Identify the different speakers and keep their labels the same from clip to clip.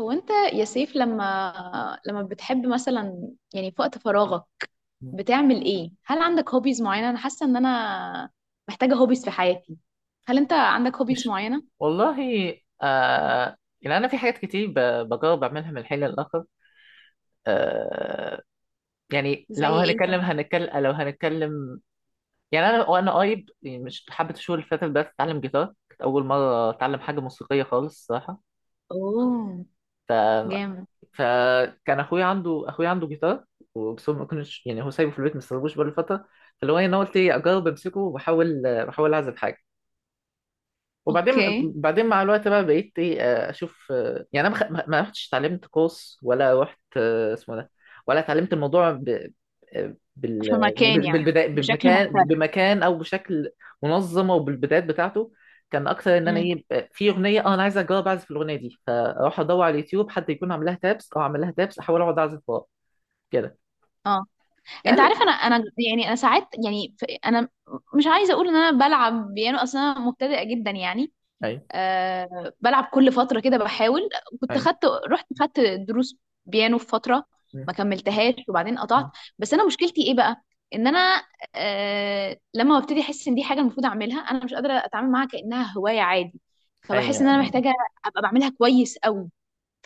Speaker 1: هو انت يا سيف لما بتحب مثلا يعني في وقت فراغك بتعمل ايه؟ هل عندك هوبيز معينة؟ انا حاسة ان انا محتاجة هوبيز في حياتي. هل انت عندك هوبيز
Speaker 2: مش،
Speaker 1: معينة؟
Speaker 2: والله. آه، يعني انا في حاجات كتير بجرب اعملها من حين للاخر. آه، يعني
Speaker 1: زي ايه طيب؟
Speaker 2: لو هنتكلم. يعني انا وانا قريب، يعني مش حبة الشهور اللي فاتت، بس اتعلم جيتار. كانت اول مرة اتعلم حاجة موسيقية خالص الصراحة.
Speaker 1: اوه،
Speaker 2: ف
Speaker 1: جامد.
Speaker 2: فكان اخويا عنده جيتار، وبس هو ما كنتش يعني، هو سايبه في البيت ما استلموش بقاله فترة. فاللي هو إيه، انا قلت ايه اجرب امسكه واحاول بحاول اعزف حاجة. وبعدين
Speaker 1: اوكي،
Speaker 2: مع الوقت بقى، بقيت ايه، آه، اشوف، آه، يعني انا ما خ- ما ما رحتش اتعلمت كورس، ولا رحت، آه، اسمه ده، ولا اتعلمت الموضوع آه،
Speaker 1: في مكان يعني
Speaker 2: بالبداية
Speaker 1: بشكل
Speaker 2: بمكان،
Speaker 1: محترف.
Speaker 2: او بشكل منظم، او بالبدايات بتاعته. كان اكتر ان انا
Speaker 1: امم،
Speaker 2: ايه، آه، في اغنيه، اه انا عايز اجرب اعزف الاغنيه دي، فاروح ادور على اليوتيوب حد يكون عامل لها تابس، احاول اقعد اعزف وراه كده
Speaker 1: اه، انت
Speaker 2: يعني.
Speaker 1: عارف، انا يعني انا ساعات يعني انا مش عايزة اقول ان انا بلعب بيانو، اصلا انا مبتدئة جدا يعني.
Speaker 2: ايوه
Speaker 1: أه، بلعب كل فترة كده بحاول. كنت
Speaker 2: ايوه.
Speaker 1: خدت، رحت خدت دروس بيانو في فترة،
Speaker 2: م-
Speaker 1: ما كملتهاش وبعدين قطعت.
Speaker 2: م-
Speaker 1: بس أنا مشكلتي إيه بقى؟ إن أنا أه لما ببتدي أحس إن دي حاجة المفروض أعملها، أنا مش قادرة أتعامل معاها كأنها هواية عادي. فبحس
Speaker 2: ايوه
Speaker 1: إن أنا محتاجة أبقى بعملها كويس قوي.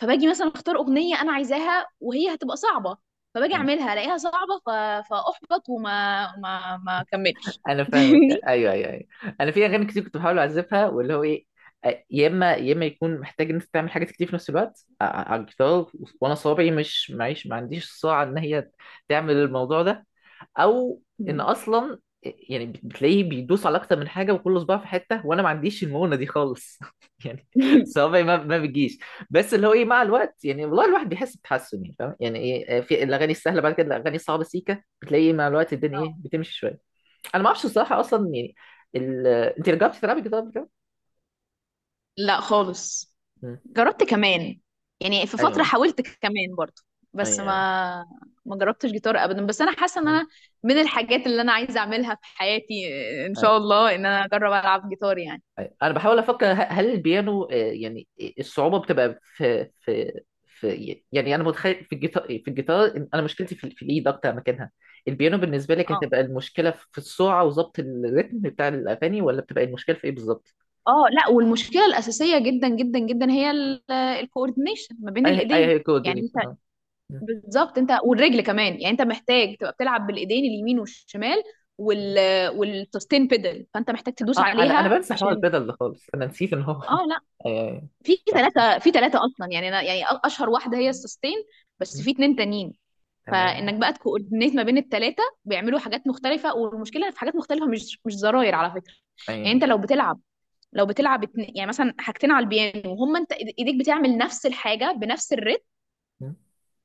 Speaker 1: فباجي مثلا أختار أغنية أنا عايزاها وهي هتبقى صعبة، فباجي
Speaker 2: ايوه.
Speaker 1: أعملها ألاقيها صعبة فأحبط وما ما ما أكملش
Speaker 2: انا فاهمك،
Speaker 1: فاهمني؟
Speaker 2: ايوه ايوه ايوه. انا في اغاني كتير كنت بحاول اعزفها، واللي هو ايه، آه، يا اما يكون محتاج ان انت تعمل حاجات كتير في نفس الوقت، آه، على الجيتار، وانا صوابعي مش معيش، ما عنديش السرعه ان هي تعمل الموضوع ده، او ان اصلا يعني بتلاقيه بيدوس على اكتر من حاجه وكل صباع في حته، وانا ما عنديش المونه دي خالص يعني صوابعي ما بتجيش. بس اللي هو ايه، مع الوقت يعني والله الواحد بيحس بتحسن، يعني فاهم يعني ايه، آه، في الاغاني السهله، بعد كده الاغاني الصعبه سيكه، بتلاقي مع الوقت الدنيا ايه بتمشي شويه. انا ما اعرفش الصراحه اصلا يعني. انت جربتي تلعبي جيتار قبل كده؟
Speaker 1: لا خالص.
Speaker 2: مم.
Speaker 1: جربت كمان، يعني في
Speaker 2: ايوه
Speaker 1: فترة
Speaker 2: ايوه
Speaker 1: حاولت كمان برضو،
Speaker 2: ايوه
Speaker 1: بس
Speaker 2: ايوه.
Speaker 1: ما جربتش جيتار ابدا. بس انا حاسة ان
Speaker 2: مم.
Speaker 1: انا من الحاجات اللي انا عايزة اعملها في حياتي ان شاء
Speaker 2: ايوه.
Speaker 1: الله ان انا اجرب العب جيتار يعني.
Speaker 2: أيوة. انا بحاول افكر، هل البيانو، آه، يعني الصعوبه بتبقى في، يعني انا متخيل في الجيتار، إن انا مشكلتي في الايد اكتر مكانها. البيانو بالنسبه لك
Speaker 1: اه،
Speaker 2: هتبقى المشكله في السرعه وظبط الريتم بتاع الاغاني، ولا بتبقى المشكله في ايه بالظبط؟
Speaker 1: اه لا، والمشكلة الأساسية جدا جدا جدا هي الكوردينيشن ما بين
Speaker 2: اي
Speaker 1: الايدين.
Speaker 2: هي
Speaker 1: يعني انت،
Speaker 2: كوردينيشن، اه. مم.
Speaker 1: بالظبط، انت والرجل كمان. يعني انت محتاج تبقى بتلعب بالايدين اليمين والشمال وال والسستين بيدل، فانت محتاج تدوس
Speaker 2: آه، انا انا
Speaker 1: عليها
Speaker 2: بنسى حوار
Speaker 1: عشان،
Speaker 2: البدل ده خالص، انا نسيت ان هو
Speaker 1: اه لا،
Speaker 2: ايوه ايوه.
Speaker 1: في
Speaker 2: صح صح.
Speaker 1: ثلاثة، في ثلاثة أصلا. يعني أنا يعني أشهر واحدة هي السستين، بس
Speaker 2: مم.
Speaker 1: في اتنين تانيين. فإنك
Speaker 2: تمام
Speaker 1: بقى تكوردينيت ما بين الثلاثة بيعملوا حاجات مختلفة، والمشكلة في حاجات مختلفة، مش زراير على فكرة. يعني أنت
Speaker 2: ايوه.
Speaker 1: لو بتلعب، لو بتلعب يعني مثلا حاجتين على البيانو وهم أنت إيديك بتعمل نفس الحاجة بنفس الريتم،
Speaker 2: م.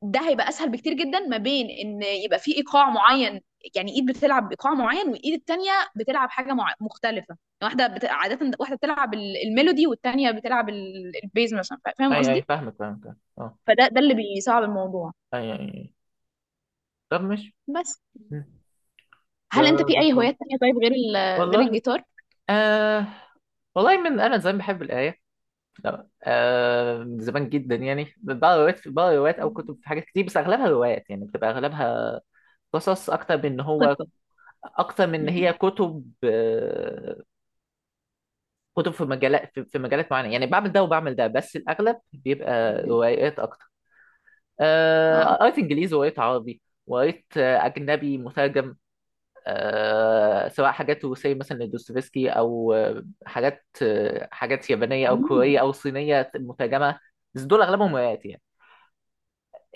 Speaker 1: ده هيبقى أسهل بكتير جدا ما بين إن يبقى في إيقاع معين. يعني إيد بتلعب بإيقاع معين والإيد التانية بتلعب حاجة مختلفة يعني. واحدة عادة واحدة بتلعب الميلودي والتانية بتلعب البيز مثلا، فاهم
Speaker 2: اي اي
Speaker 1: قصدي؟
Speaker 2: فاهمك فاهمك، اه.
Speaker 1: فده اللي بيصعب الموضوع.
Speaker 2: اي اي أي. طب مش.
Speaker 1: بس
Speaker 2: م. ده
Speaker 1: هل انت في
Speaker 2: ده
Speaker 1: اي
Speaker 2: حوار.
Speaker 1: هوايات تانية طيب غير غير
Speaker 2: والله.
Speaker 1: الجيتار؟
Speaker 2: آه، والله من انا زمان بحب القرايه. لا، آه، من زمان جدا يعني بقرا روايات، او كتب في حاجات كتير، بس اغلبها روايات، يعني بتبقى اغلبها قصص اكتر من ان هو،
Speaker 1: قصة.
Speaker 2: اكتر من ان
Speaker 1: مم.
Speaker 2: هي كتب. آه، كتب في مجالات في مجالات معينه، يعني بعمل ده وبعمل ده، بس الاغلب بيبقى
Speaker 1: مم.
Speaker 2: روايات اكتر. آه،
Speaker 1: اه.
Speaker 2: قريت انجليزي وقريت عربي، وقريت آه، اجنبي مترجم، آه، سواء حاجات روسية مثلا لدوستويفسكي، أو آه، حاجات، آه، حاجات يابانية أو
Speaker 1: آه.
Speaker 2: كورية أو صينية مترجمة. بس دول أغلبهم روايات يعني،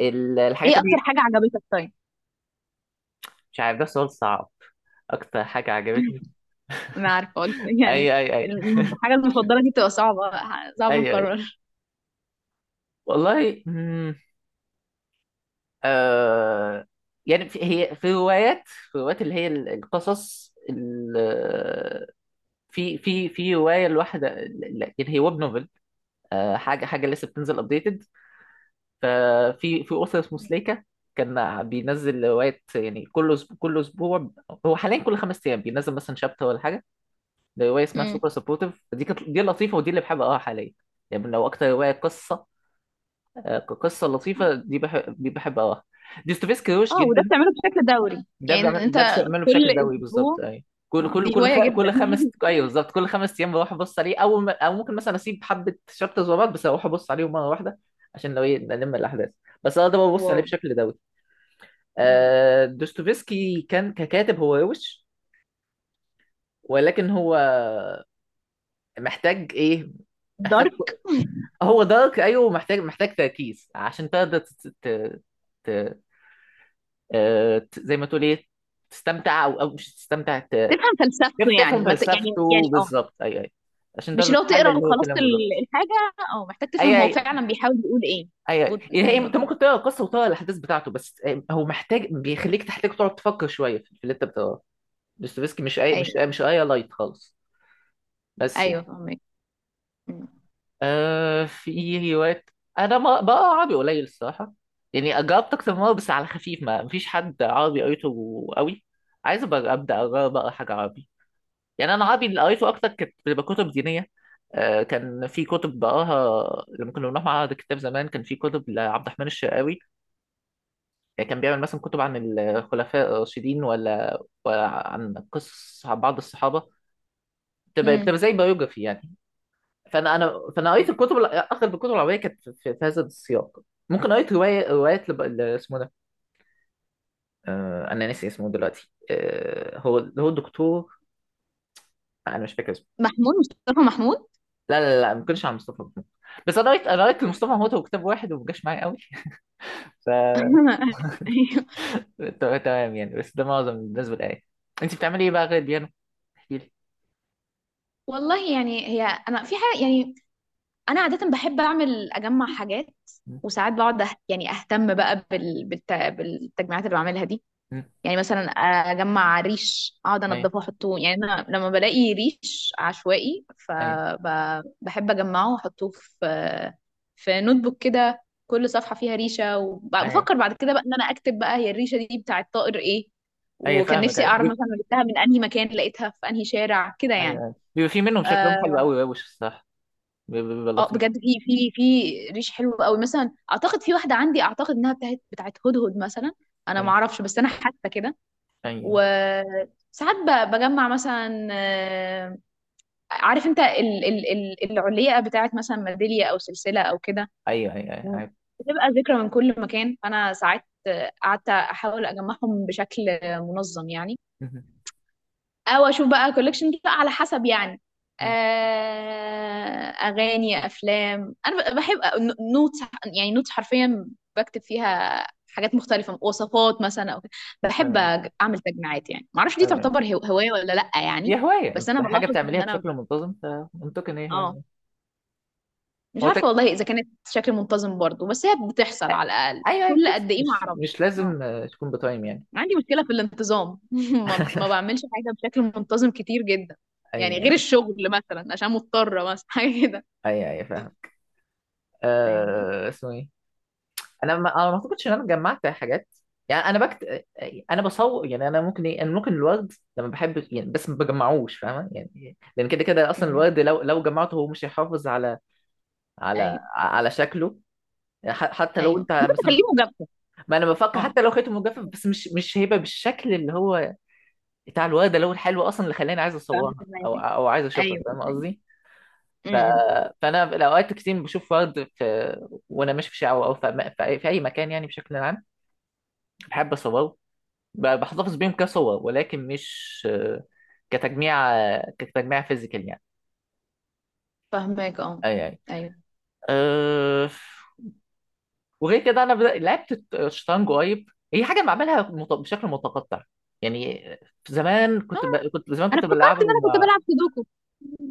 Speaker 2: ال-
Speaker 1: ايه
Speaker 2: الحاجات
Speaker 1: اكتر
Speaker 2: دي.
Speaker 1: حاجة عجبتك طيب؟
Speaker 2: مش عارف، ده سؤال صعب. أكتر حاجة عجبتني،
Speaker 1: انا عارفة قلت يعني
Speaker 2: أي أي أي
Speaker 1: الحاجة المفضلة دي بتبقى صعبة، صعب
Speaker 2: أي أي
Speaker 1: نكرر.
Speaker 2: والله. مم، آه، يعني في هي في روايات، اللي هي ال- القصص ال-، في رواية الواحدة لا، يعني هي ويب نوفل، آه، حاجة لسه بتنزل أبديتد. ففي في اسس مسلكه كان بينزل روايات يعني كل أسبوع، كل اسبوع هو حاليا كل خمس ايام بينزل مثلا شابتر ولا حاجه. ده روايه اسمها
Speaker 1: مم.
Speaker 2: سوبر سبورتيف، دي كانت، دي لطيفه، ودي اللي بحب اقراها حاليا. يعني لو اكتر روايه قصه، آه، قصه لطيفه دي، بحب بحب اقراها. ديستوفيسكي روش
Speaker 1: اه، وده
Speaker 2: جدا.
Speaker 1: بتعمله بشكل دوري يعني انت؟
Speaker 2: ده بعمله
Speaker 1: كل
Speaker 2: بشكل دوري
Speaker 1: اسبوع؟
Speaker 2: بالظبط. اي
Speaker 1: آه، دي هواية جدا.
Speaker 2: كل خمس، ايوه بالظبط، كل خمس ايام بروح ابص عليه، او ممكن مثلا اسيب حبه شابترز ورا بعض بس اروح ابص عليهم مره واحده، عشان لو إيه، نلم الاحداث، بس انا ده ببص
Speaker 1: واو.
Speaker 2: عليه بشكل دوري.
Speaker 1: مم.
Speaker 2: آه، دوستويفسكي كان ككاتب هو روش، ولكن هو محتاج ايه، محتاج،
Speaker 1: دارك.
Speaker 2: هو دارك ايوه، محتاج تركيز عشان تقدر ت... آه، زي ما تقول ايه، تستمتع، او او مش تستمتع،
Speaker 1: تفهم فلسفته
Speaker 2: كيف
Speaker 1: يعني
Speaker 2: تفهم
Speaker 1: ما ت... يعني يعني
Speaker 2: فلسفته
Speaker 1: آه.
Speaker 2: بالظبط، اي اي، عشان
Speaker 1: مش
Speaker 2: تقدر
Speaker 1: لو
Speaker 2: تحلل
Speaker 1: تقرا
Speaker 2: اللي هو
Speaker 1: وخلصت
Speaker 2: كلامه بالظبط.
Speaker 1: الحاجه او محتاج تفهم
Speaker 2: اي
Speaker 1: هو
Speaker 2: اي
Speaker 1: فعلا بيحاول يقول ايه.
Speaker 2: اي يعني هي-،
Speaker 1: ايوه.
Speaker 2: انت ممكن تقرا القصه وتقرا الاحداث بتاعته، بس آه، هو محتاج، بيخليك تحتاج تقعد تفكر شويه في اللي انت بتقراه. دوستويفسكي مش اي، مش
Speaker 1: ايوه
Speaker 2: مش اي لايت خالص. بس
Speaker 1: ايوه فهمك. مم.
Speaker 2: آه، في روايات، انا ما بقى عربي قليل الصراحه، يعني جربت اكتر من مره بس على خفيف، ما مفيش حد عربي قريته قوي. عايز أبقى ابدا اجرب اقرا حاجه عربي، يعني انا عربي اللي قريته اكتر كانت بتبقى كتب دينيه. آه، كان في كتب بقراها لما كنا بنروح معرض الكتاب زمان، كان في كتب لعبد الرحمن الشرقاوي. يعني كان بيعمل مثلا كتب عن الخلفاء الراشدين ولا, ولا عن قصص عن بعض الصحابه، بتبقى
Speaker 1: مم.
Speaker 2: زي بايوجرافي يعني. فانا انا فانا قريت
Speaker 1: أيوة.
Speaker 2: الكتب، الع- اغلب الكتب العربيه كانت في هذا السياق. ممكن قريت روايه روايات، اسمه ده، آه... انا ناسي اسمه دلوقتي، آه... هو الدكتور، انا مش فاكر اسمه.
Speaker 1: محمود، مصطفى محمود.
Speaker 2: لا لا لا ما كنتش عن مصطفى محمود، بس انا قريت، لمصطفى محمود هو كتاب واحد وما جاش معايا قوي ف
Speaker 1: أيوة.
Speaker 2: تمام يعني، بس ده معظم الناس بالآية. انت بتعملي ايه بقى غير البيانو؟ احكي لي.
Speaker 1: والله يعني هي، انا في حاجه يعني، انا عاده بحب اعمل، اجمع حاجات.
Speaker 2: م-
Speaker 1: وساعات بقعد يعني اهتم بقى بالتجميعات اللي بعملها دي.
Speaker 2: م-
Speaker 1: يعني مثلا اجمع ريش، اقعد
Speaker 2: ايوه
Speaker 1: انضفه واحطه. يعني انا لما بلاقي ريش عشوائي
Speaker 2: ايوه
Speaker 1: فبحب اجمعه واحطه في في نوت بوك كده، كل صفحه فيها ريشه،
Speaker 2: ايوه
Speaker 1: وبفكر بعد كده بقى ان انا اكتب بقى هي الريشه دي بتاعت طائر ايه،
Speaker 2: ايوه،
Speaker 1: وكان
Speaker 2: فاهمك،
Speaker 1: نفسي
Speaker 2: ايوه
Speaker 1: اعرف مثلا أنا جبتها من انهي مكان، لقيتها في انهي شارع كده
Speaker 2: ايوه.
Speaker 1: يعني.
Speaker 2: أيوة. بيبقى في منهم شكلهم حلو
Speaker 1: اه،
Speaker 2: قوي وش الصراحه، بيبقى
Speaker 1: آه،
Speaker 2: لطيف.
Speaker 1: بجد في، في ريش حلو قوي. مثلا اعتقد في واحده عندي اعتقد انها بتاعت، بتاعت هدهد مثلا. انا ما
Speaker 2: ايوه
Speaker 1: اعرفش بس انا حاسه كده.
Speaker 2: ايوه.
Speaker 1: وساعات بجمع مثلا، آه، عارف انت ال العليقة بتاعت مثلا ميدالية او سلسلة او كده،
Speaker 2: ايوه ايوه ايوه.
Speaker 1: بتبقى ذكرى من كل مكان. فانا ساعات، آه، قعدت احاول اجمعهم بشكل، آه، منظم يعني.
Speaker 2: مهم.
Speaker 1: او اشوف بقى كولكشن بقى على حسب يعني،
Speaker 2: مهم.
Speaker 1: آه، اغاني، افلام. انا بحب نوتس، يعني نوتس حرفيا بكتب فيها حاجات مختلفة، وصفات مثلا او كده. بحب
Speaker 2: تمام.
Speaker 1: اعمل تجميعات. يعني ما اعرفش دي
Speaker 2: تمام.
Speaker 1: تعتبر هواية ولا لا يعني.
Speaker 2: هي هواية،
Speaker 1: بس انا
Speaker 2: أنت حاجة
Speaker 1: بلاحظ ان
Speaker 2: بتعمليها
Speaker 1: انا،
Speaker 2: بشكل منتظم فمنطقي إن هي
Speaker 1: اه،
Speaker 2: هواية.
Speaker 1: مش
Speaker 2: هو
Speaker 1: عارفة
Speaker 2: تك...
Speaker 1: والله اذا كانت بشكل منتظم برضو، بس هي بتحصل على الاقل
Speaker 2: أيوه أيوه،
Speaker 1: كل
Speaker 2: بس
Speaker 1: قد ايه؟ ما
Speaker 2: مش
Speaker 1: اعرفش.
Speaker 2: مش
Speaker 1: اه،
Speaker 2: لازم، آه، تكون بتايم يعني.
Speaker 1: عندي مشكلة في الانتظام. ما بعملش حاجة بشكل منتظم كتير جدا. يعني غير
Speaker 2: أيوه
Speaker 1: الشغل مثلا عشان مضطرة مثلا حاجة كده.
Speaker 2: أيوه، أيوه، فاهم.
Speaker 1: فاهمني؟
Speaker 2: أه... اسمه إيه. أنا ما أعتقدش إن أنا جمعت حاجات، يعني أنا بكت، أنا بصور. يعني أنا ممكن إيه، أنا ممكن الورد لما بحب يعني بس ما بجمعوش، فاهمة يعني، لأن كده كده أصلا
Speaker 1: مم.
Speaker 2: الورد لو لو جمعته هو مش هيحافظ على
Speaker 1: ايوه.
Speaker 2: على شكله. حتى لو
Speaker 1: ايوه،
Speaker 2: أنت
Speaker 1: ممكن تخليه
Speaker 2: مثلا،
Speaker 1: مجابكة.
Speaker 2: ما انا بفكر،
Speaker 1: اه،
Speaker 2: حتى لو خيطه مجفف بس مش مش هيبقى بالشكل اللي هو بتاع الورده اللي هو الحلو اصلا اللي خلاني عايز اصورها او
Speaker 1: فاهمك.
Speaker 2: او عايز اشوفها،
Speaker 1: ايوه.
Speaker 2: فاهم قصدي؟ ف...
Speaker 1: امم.
Speaker 2: فانا الاوقات كتير بشوف ورد في... وانا ماشي في شارع او في اي في أي مكان يعني بشكل عام، بحب اصوره. بحتفظ بيهم كصور، ولكن مش، آه، كتجميع، فيزيكال يعني.
Speaker 1: فاهمك. اه.
Speaker 2: اي اي.
Speaker 1: ايوه.
Speaker 2: أه... وغير كده، انا لعبت الشطرنج قريب، هي حاجه بعملها بشكل متقطع يعني. زمان كنت
Speaker 1: آه.
Speaker 2: كنت زمان
Speaker 1: انا
Speaker 2: كنت
Speaker 1: افتكرت ان
Speaker 2: بلعبه
Speaker 1: انا كنت
Speaker 2: مع،
Speaker 1: بلعب سودوكو.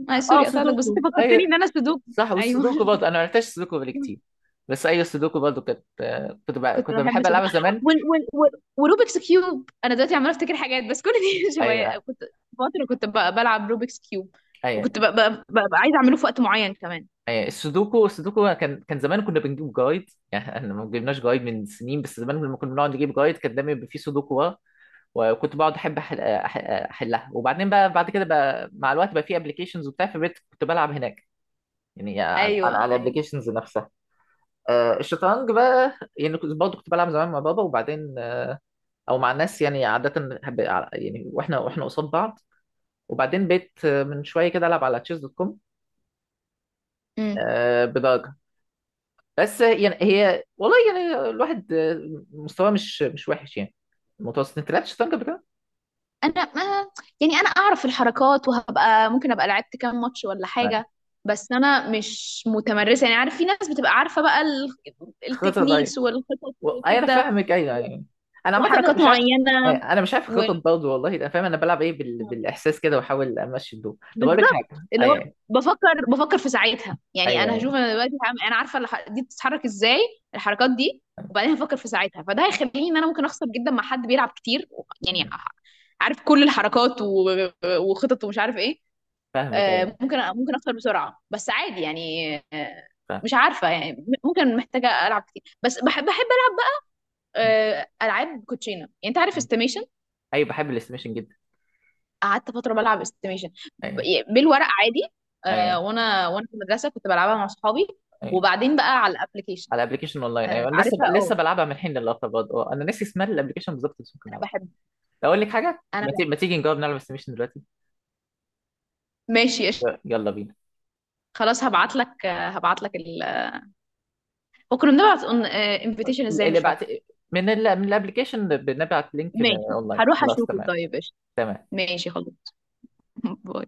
Speaker 1: آه
Speaker 2: اه
Speaker 1: سوري قطعتك بس انت
Speaker 2: سودوكو
Speaker 1: فكرتني
Speaker 2: اي
Speaker 1: ان انا سودوكو.
Speaker 2: صح.
Speaker 1: ايوه.
Speaker 2: والسودوكو برضه، انا ما لعبتش سودوكو بقالي كتير، بس ايوه السودوكو برضه كنت،
Speaker 1: كنت
Speaker 2: كنت
Speaker 1: بحب
Speaker 2: بحب
Speaker 1: سودوكو
Speaker 2: العبها زمان.
Speaker 1: وال وال وال وروبكس كيوب. انا دلوقتي عماله افتكر حاجات بس كل دي شويه.
Speaker 2: ايوه
Speaker 1: كنت فتره كنت بلعب روبكس كيوب،
Speaker 2: ايوه
Speaker 1: وكنت عايزه اعمله في وقت معين كمان.
Speaker 2: ايوه. السودوكو، كان كان زمان كنا بنجيب جايد، يعني احنا ما جبناش جايد من سنين، بس زمان لما كنا بنقعد نجيب جايد كان دايما بيبقى فيه سودوكو ورا. وكنت بقعد احب احلها، وبعدين بقى بعد كده بقى مع الوقت بقى في ابلكيشنز وبتاع، فبقيت كنت بلعب هناك، يعني على
Speaker 1: ايوه. ايوه.
Speaker 2: الابلكيشنز نفسها. آه، الشطرنج بقى، يعني كنت برضه كنت بلعب زمان مع بابا، وبعدين آه، او مع الناس يعني عاده يعني واحنا قصاد بعض، وبعدين بقيت آه، من شويه كده العب على تشيز دوت كوم
Speaker 1: امم.
Speaker 2: بدرجه، بس آه، يعني هي والله يعني الواحد آه، مستواه مش مش وحش يعني، متوسط. انت لعبت شطرنج قبل كده؟
Speaker 1: انا ما يعني انا اعرف الحركات، وهبقى ممكن ابقى لعبت كام ماتش ولا
Speaker 2: آه،
Speaker 1: حاجه، بس انا مش متمرسه يعني. عارف في ناس بتبقى عارفه بقى
Speaker 2: خطر. و...
Speaker 1: التكنيكس والخطط
Speaker 2: أيوة، انا
Speaker 1: وكده
Speaker 2: فاهمك ايوه يعني، انا عامه انا
Speaker 1: وحركات
Speaker 2: مش عارف.
Speaker 1: معينه
Speaker 2: أيوة، انا مش عارف
Speaker 1: و...
Speaker 2: خطط برضه والله، انا فاهم، انا بلعب ايه بالاحساس كده واحاول امشي الدور. طب اقول لك
Speaker 1: بالظبط،
Speaker 2: حاجه،
Speaker 1: اللي هو
Speaker 2: ايوه ايوه،
Speaker 1: بفكر في ساعتها. يعني انا هشوف،
Speaker 2: أيوة،
Speaker 1: انا دلوقتي انا عارفه دي بتتحرك ازاي، الحركات دي، وبعدين هفكر في ساعتها، فده هيخليني ان انا ممكن اخسر جدا مع حد بيلعب كتير. يعني
Speaker 2: أيوة،
Speaker 1: عارف كل الحركات وخطط ومش عارف ايه.
Speaker 2: فاهمك،
Speaker 1: آه،
Speaker 2: ايوه
Speaker 1: ممكن اخسر بسرعه بس عادي يعني. آه،
Speaker 2: فاهم.
Speaker 1: مش عارفه يعني، ممكن محتاجه العب كتير. بس بحب، ألعب، آه، العاب كوتشينه. يعني انت عارف استيميشن؟
Speaker 2: ايوه بحب الاستيميشن جدا.
Speaker 1: قعدت فتره بلعب استيميشن
Speaker 2: ايوه
Speaker 1: بالورق عادي. آه،
Speaker 2: ايوه
Speaker 1: وانا في المدرسه كنت بلعبها مع صحابي،
Speaker 2: ايوه.
Speaker 1: وبعدين بقى على الابلكيشن.
Speaker 2: على ابلكيشن اونلاين
Speaker 1: آه،
Speaker 2: ايوه، انا لسه
Speaker 1: عارفها. اه،
Speaker 2: لسه بلعبها من حين للاخر برضه، اه انا ناسي اسمها الابلكيشن بالظبط، بس ممكن
Speaker 1: انا
Speaker 2: نلعبها.
Speaker 1: بحب.
Speaker 2: اقول لك حاجه،
Speaker 1: انا بقى.
Speaker 2: ما تيجي نجرب نلعب استيميشن دلوقتي؟
Speaker 1: ماشي قشطة.
Speaker 2: يلا بينا.
Speaker 1: خلاص، هبعت لك، هبعت لك وكنا بنبعت انفيتيشن ازاي
Speaker 2: اللي
Speaker 1: مش
Speaker 2: بعت،
Speaker 1: فاكره.
Speaker 2: من ال... من الابلكيشن بنبعت لينك
Speaker 1: ماشي،
Speaker 2: اونلاين،
Speaker 1: هروح
Speaker 2: خلاص
Speaker 1: اشوفه
Speaker 2: تمام.
Speaker 1: طيب. قشطة.
Speaker 2: تمام.
Speaker 1: ماشي خلاص. باي.